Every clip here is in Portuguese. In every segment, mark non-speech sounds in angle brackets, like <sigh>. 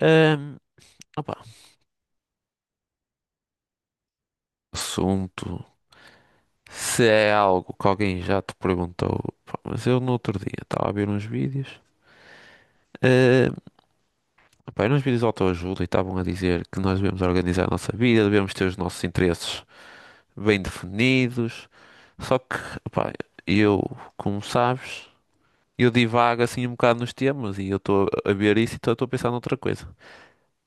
Ahm, opá, assunto. Se é algo que alguém já te perguntou, pá, mas eu no outro dia estava a ver uns vídeos, ahm, opá, eram uns vídeos de autoajuda e estavam a dizer que nós devemos organizar a nossa vida, devemos ter os nossos interesses bem definidos. Só que, opá, eu, como sabes, eu divago assim um bocado nos temas e eu estou a ver isso e estou a pensar noutra coisa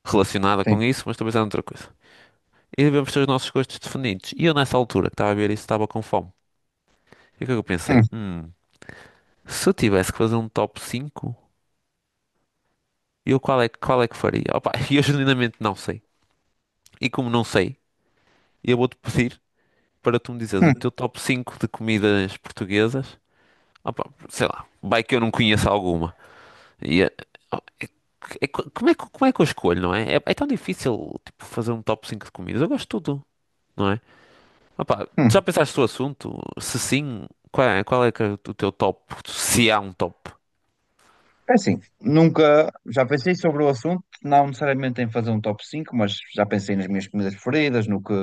relacionada com Sim. isso, mas estou a pensar noutra coisa. E devemos ter os nossos gostos definidos. E eu, nessa altura que estava a ver isso, estava com fome. E o que é que eu Hum, pensei? Hum. Se eu tivesse que fazer um top 5, eu qual é, qual é que faria? Opa, <laughs> eu genuinamente não sei. E como não sei, eu vou-te pedir para tu me dizeres o hum, teu top 5 de comidas portuguesas. Opa, sei lá, vai que eu não conheço alguma. E, eh, oh, é- como é, como é que eu escolho, não é? É tão difícil, tipo, fazer um top 5 de comidas. Eu gosto de tudo, não é? Opa, hum. já pensaste no assunto? Se sim, qual é que é o teu top? Se há um top? É assim, nunca já pensei sobre o assunto, não necessariamente em fazer um top 5, mas já pensei nas minhas comidas preferidas,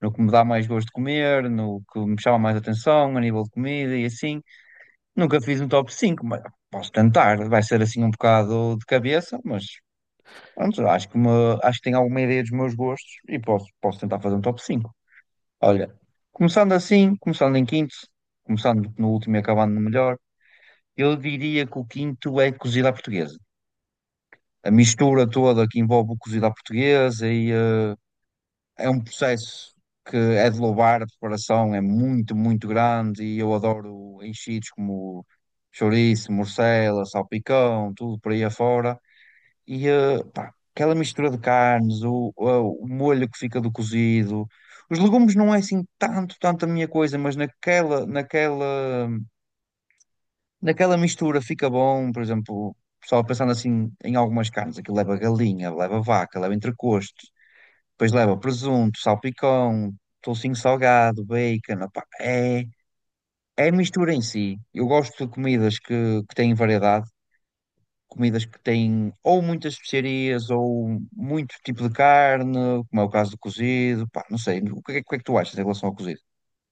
no que me dá mais gosto de comer, no que me chama mais atenção a nível de comida e assim. Nunca fiz um top 5, mas posso tentar. Vai ser assim um bocado de cabeça, mas pronto, acho que tenho alguma ideia dos meus gostos e posso tentar fazer um top 5. Olha, começando assim, começando em quinto, começando no último e acabando no melhor. Eu diria que o quinto é cozida à portuguesa. A mistura toda que envolve o cozido à portuguesa é um processo que é de louvar, a preparação é muito, muito grande e eu adoro enchidos como chouriço, morcela, salpicão, tudo por aí afora. E pá, aquela mistura de carnes, o molho que fica do cozido. Os legumes não é assim tanto a minha coisa, mas naquela mistura fica bom, por exemplo, só pensando assim em algumas carnes, aquilo leva galinha, leva vaca, leva entrecosto, depois leva presunto, salpicão, toucinho salgado, bacon, opá, é a mistura em si. Eu gosto de comidas que têm variedade, comidas que têm ou muitas especiarias ou muito tipo de carne, como é o caso do cozido, pá, não sei, o que é que tu achas em relação ao cozido?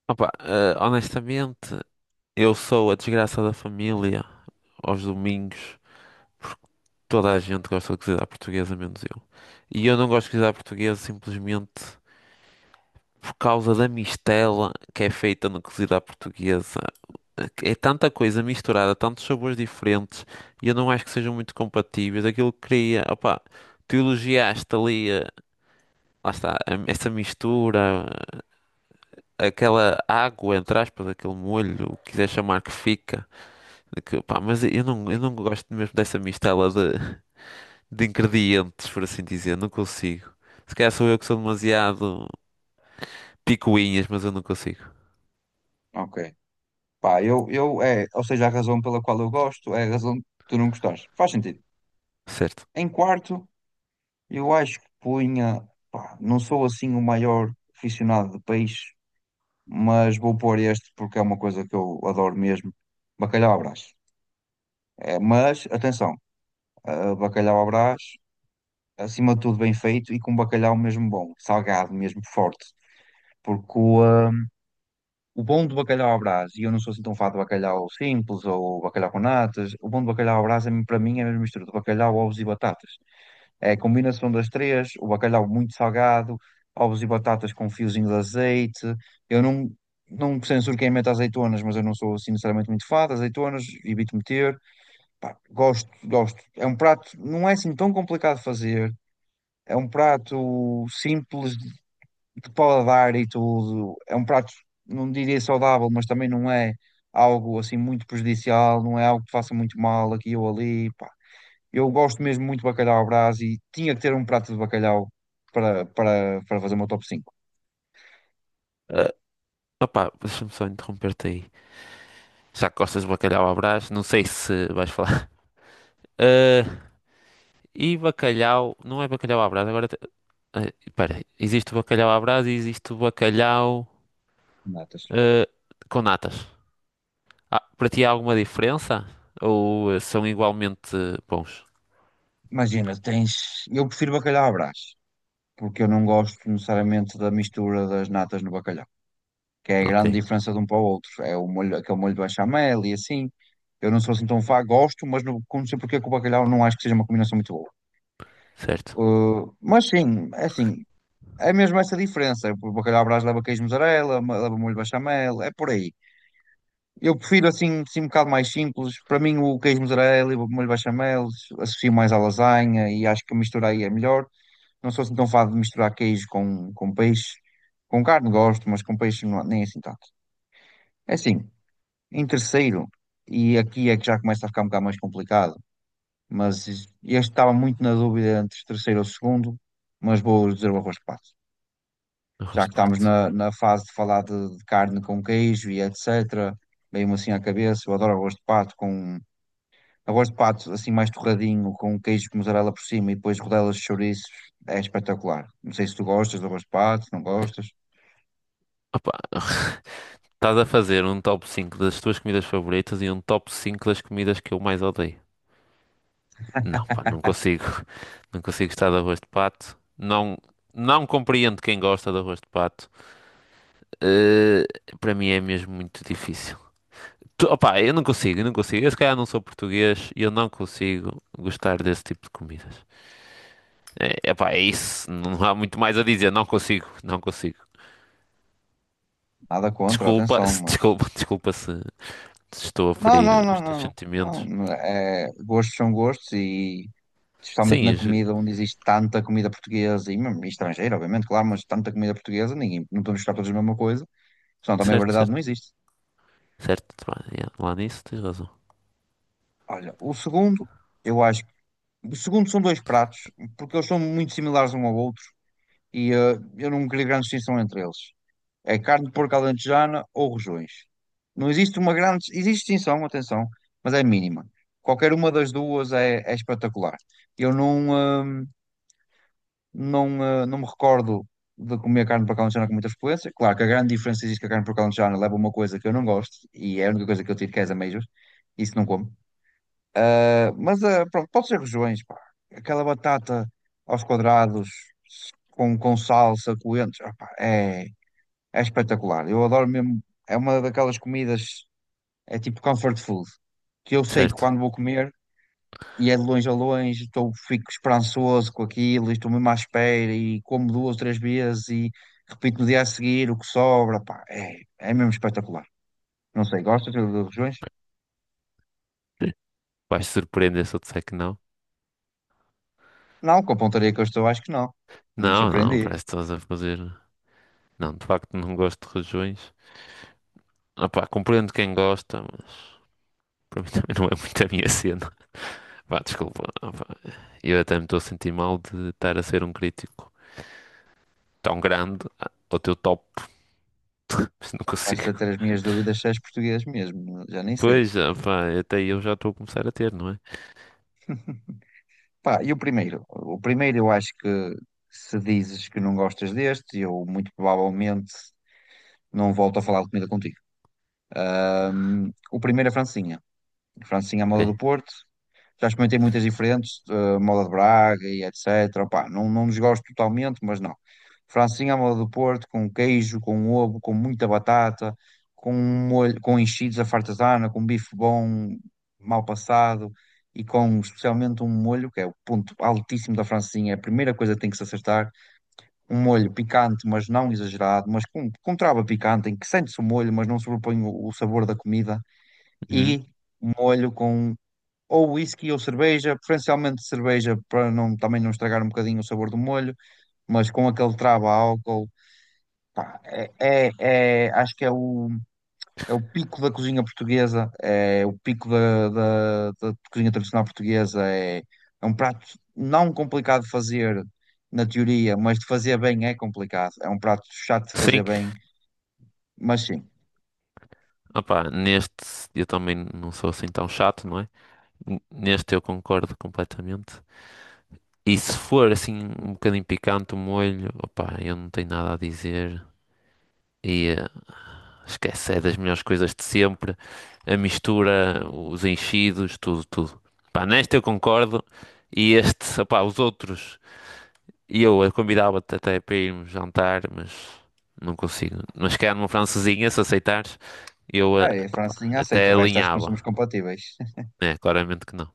Opa, honestamente, eu sou a desgraça da família. Aos domingos, toda a gente gosta de cozinhar portuguesa, menos eu. E eu não gosto de cozinhar portuguesa simplesmente por causa da mistela que é feita na cozida à portuguesa. É tanta coisa misturada, tantos sabores diferentes, e eu não acho que sejam muito compatíveis. Aquilo que queria, opá, tu elogiaste ali, lá está, essa mistura, aquela água, entre aspas, aquele molho, o que quiser chamar que fica. Que, pá, mas eu Sim. não gosto mesmo dessa mistela de ingredientes, por assim dizer. Não consigo. Se calhar sou eu que sou demasiado picuinhas, mas eu não consigo. Ok. Pá, eu ou seja, a razão pela qual eu gosto é a razão que tu não gostares. Faz sentido. Certo. Em quarto, eu acho que punha, pá, não sou assim o maior aficionado de peixe, mas vou pôr este porque é uma coisa que eu adoro mesmo. Bacalhau à Brás. É, mas, atenção, bacalhau à Brás, acima de tudo bem feito e com bacalhau mesmo bom, salgado mesmo, forte. Porque o bom do bacalhau à Brás, e eu não sou assim tão fã de bacalhau simples ou bacalhau com natas, o bom do bacalhau à Brás é, para mim é a mesma mistura de bacalhau, ovos e batatas. É a combinação das três, o bacalhau muito salgado, ovos e batatas com um fiozinho de azeite. Eu não, não censuro quem mete azeitonas, mas eu não sou assim necessariamente muito fã de azeitonas, evito meter. Pá, gosto, gosto. É um prato, não é assim tão complicado de fazer. É um prato simples de paladar e tudo. É um prato, não diria saudável, mas também não é algo assim muito prejudicial, não é algo que faça muito mal aqui ou ali. Pá, eu gosto mesmo muito de bacalhau à Brás e tinha que ter um prato de bacalhau para fazer o meu top cinco Ah, opá, deixa-me só interromper-te aí. Já que gostas de bacalhau à Brás? Não sei se vais falar. <laughs> Ah, e bacalhau, não é bacalhau à Brás, agora... espera, existe o bacalhau à Brás e existe o bacalhau de natas. ah, com natas. Ah, para ti há alguma diferença? Ou são igualmente bons? Imagina, tens. Eu prefiro bacalhau à Brás, porque eu não gosto necessariamente da mistura das natas no bacalhau, que é a Ok. grande diferença de um para o outro. É o molho, aquele molho de bechamel e assim. Eu não sou assim tão fã, gosto, mas não sei porque com o bacalhau não acho que seja uma combinação muito boa. Certo, Mas sim, é assim, é mesmo essa diferença. O bacalhau à Brás leva queijo mussarela, leva molho de bechamel, é por aí. Eu prefiro assim um bocado mais simples. Para mim, o queijo mussarela e o molho bechamel associo mais à lasanha e acho que a mistura aí é melhor. Não sou assim tão fado de misturar queijo com peixe. Com carne gosto, mas com peixe não, nem assim tanto. É assim, em terceiro, e aqui é que já começa a ficar um bocado mais complicado, mas este estava muito na dúvida entre terceiro ou segundo, mas vou dizer o arroz de pato. Já arroz que de estamos pato. Na fase de falar de carne com queijo e etc., veio-me assim à cabeça, eu adoro arroz de pato com. Eu gosto de pato assim mais torradinho, com um queijo de mussarela por cima e depois rodelas de chouriços. É espetacular. Não sei se tu gostas do gosto de pato, se não gostas. Opa, estás a fazer um top 5 das tuas comidas favoritas e um top 5 das comidas que eu mais odeio. Não, pá, não consigo. <laughs> Não consigo gostar de arroz de pato. Não, não compreendo quem gosta de arroz de pato. Eh, para mim é mesmo muito difícil. Opa, eu não consigo. Eu se calhar não sou português e eu não consigo gostar desse tipo de comidas. É, epá, é isso. Não há muito mais a dizer. Não consigo. Nada contra, Desculpa, <laughs> atenção, mas. Desculpa se, se estou a Não, não, ferir não, os não, teus não. Não, sentimentos. não, é, gostos são gostos e especialmente na Sim, comida onde existe tanta comida portuguesa e, mesmo estrangeira, obviamente, claro, mas tanta comida portuguesa, ninguém, não podemos buscar todos a mesma coisa, senão também a certo, variedade não existe. certo. Pá, yeah, lá nisso tens razão. Olha, o segundo, eu acho, o segundo são dois pratos, porque eles são muito similares um ao outro, eu não queria grande distinção entre eles. É carne de porco alentejana ou rojões. Não existe uma grande. Existe distinção, atenção, mas é mínima. Qualquer uma das duas é espetacular. Eu não, eh, não, eh, não me recordo de comer carne de porco alentejana com muita frequência. Claro que a grande diferença existe que a carne de porco alentejana leva uma coisa que eu não gosto e é a única coisa que eu tiro que é as ameijas. Isso não como. Mas pronto, pode ser regiões, pá. Aquela batata aos quadrados, com salsa, coentros, pá, é espetacular. Eu adoro mesmo. É uma daquelas comidas, é tipo comfort food, que eu sei que Certo. quando vou comer, e é de longe a longe, estou, fico esperançoso com aquilo, e estou mesmo à espera, e como duas, três vezes, e repito no dia a seguir o que sobra, pá, é mesmo espetacular. Não sei, gostas de regiões? Vais te surpreender se eu disser que não. Não, com a pontaria que eu estou, acho que não. Não me Não, não, surpreendi. parece que estás a fazer. Não, de facto não gosto de regiões. Ah, pá, compreendo quem gosta, mas para mim <laughs> também não é muito a minha cena. Vá, desculpa. Ah, pá, eu até me estou a sentir mal de estar a ser um crítico tão grande ao teu top, <laughs> mas não Começo consigo. a ter as minhas dúvidas se és português mesmo, já nem sei. Pois, ah, pá, até eu já estou a começar a ter, não é? Pá, e o primeiro? O primeiro eu acho que se dizes que não gostas deste, eu muito provavelmente não volto a falar de comida contigo. O primeiro é Francinha. Francinha à moda Ok. do Porto. Já experimentei muitas diferentes, moda de Braga e etc. Opá, não, não desgosto totalmente, mas não. Francinha à moda do Porto, com queijo, com ovo, com muita batata, com molho, com enchidos à fartazana, com bife bom, mal passado e com especialmente um molho, que é o ponto altíssimo da francesinha, é a primeira coisa que tem que se acertar. Um molho picante, mas não exagerado, mas com trava picante, em que sente-se o molho, mas não sobrepõe o sabor da comida. Uhum. E um molho com ou whisky ou cerveja, preferencialmente cerveja para não, também não estragar um bocadinho o sabor do molho, mas com aquele trava a álcool, é, é, acho que é o pico da cozinha portuguesa, é o pico da cozinha tradicional portuguesa, é um prato não complicado de fazer na teoria, mas de fazer bem é complicado, é um prato chato de fazer Sim, bem, mas sim, opá, neste eu também não sou assim tão chato, não é? Neste eu concordo completamente. E se for assim um bocadinho picante o molho, opá, eu não tenho nada a dizer. E esquece, é das melhores coisas de sempre. A mistura, os enchidos, tudo, tudo. Pá, neste eu concordo. E este, opá, os outros, e eu a convidava-te até para irmos jantar, mas não consigo. Mas se calhar numa francesinha, se aceitares, eu eh, opá, Francesinha aceito, até o resto acho que não somos alinhava. compatíveis. É, claramente que não.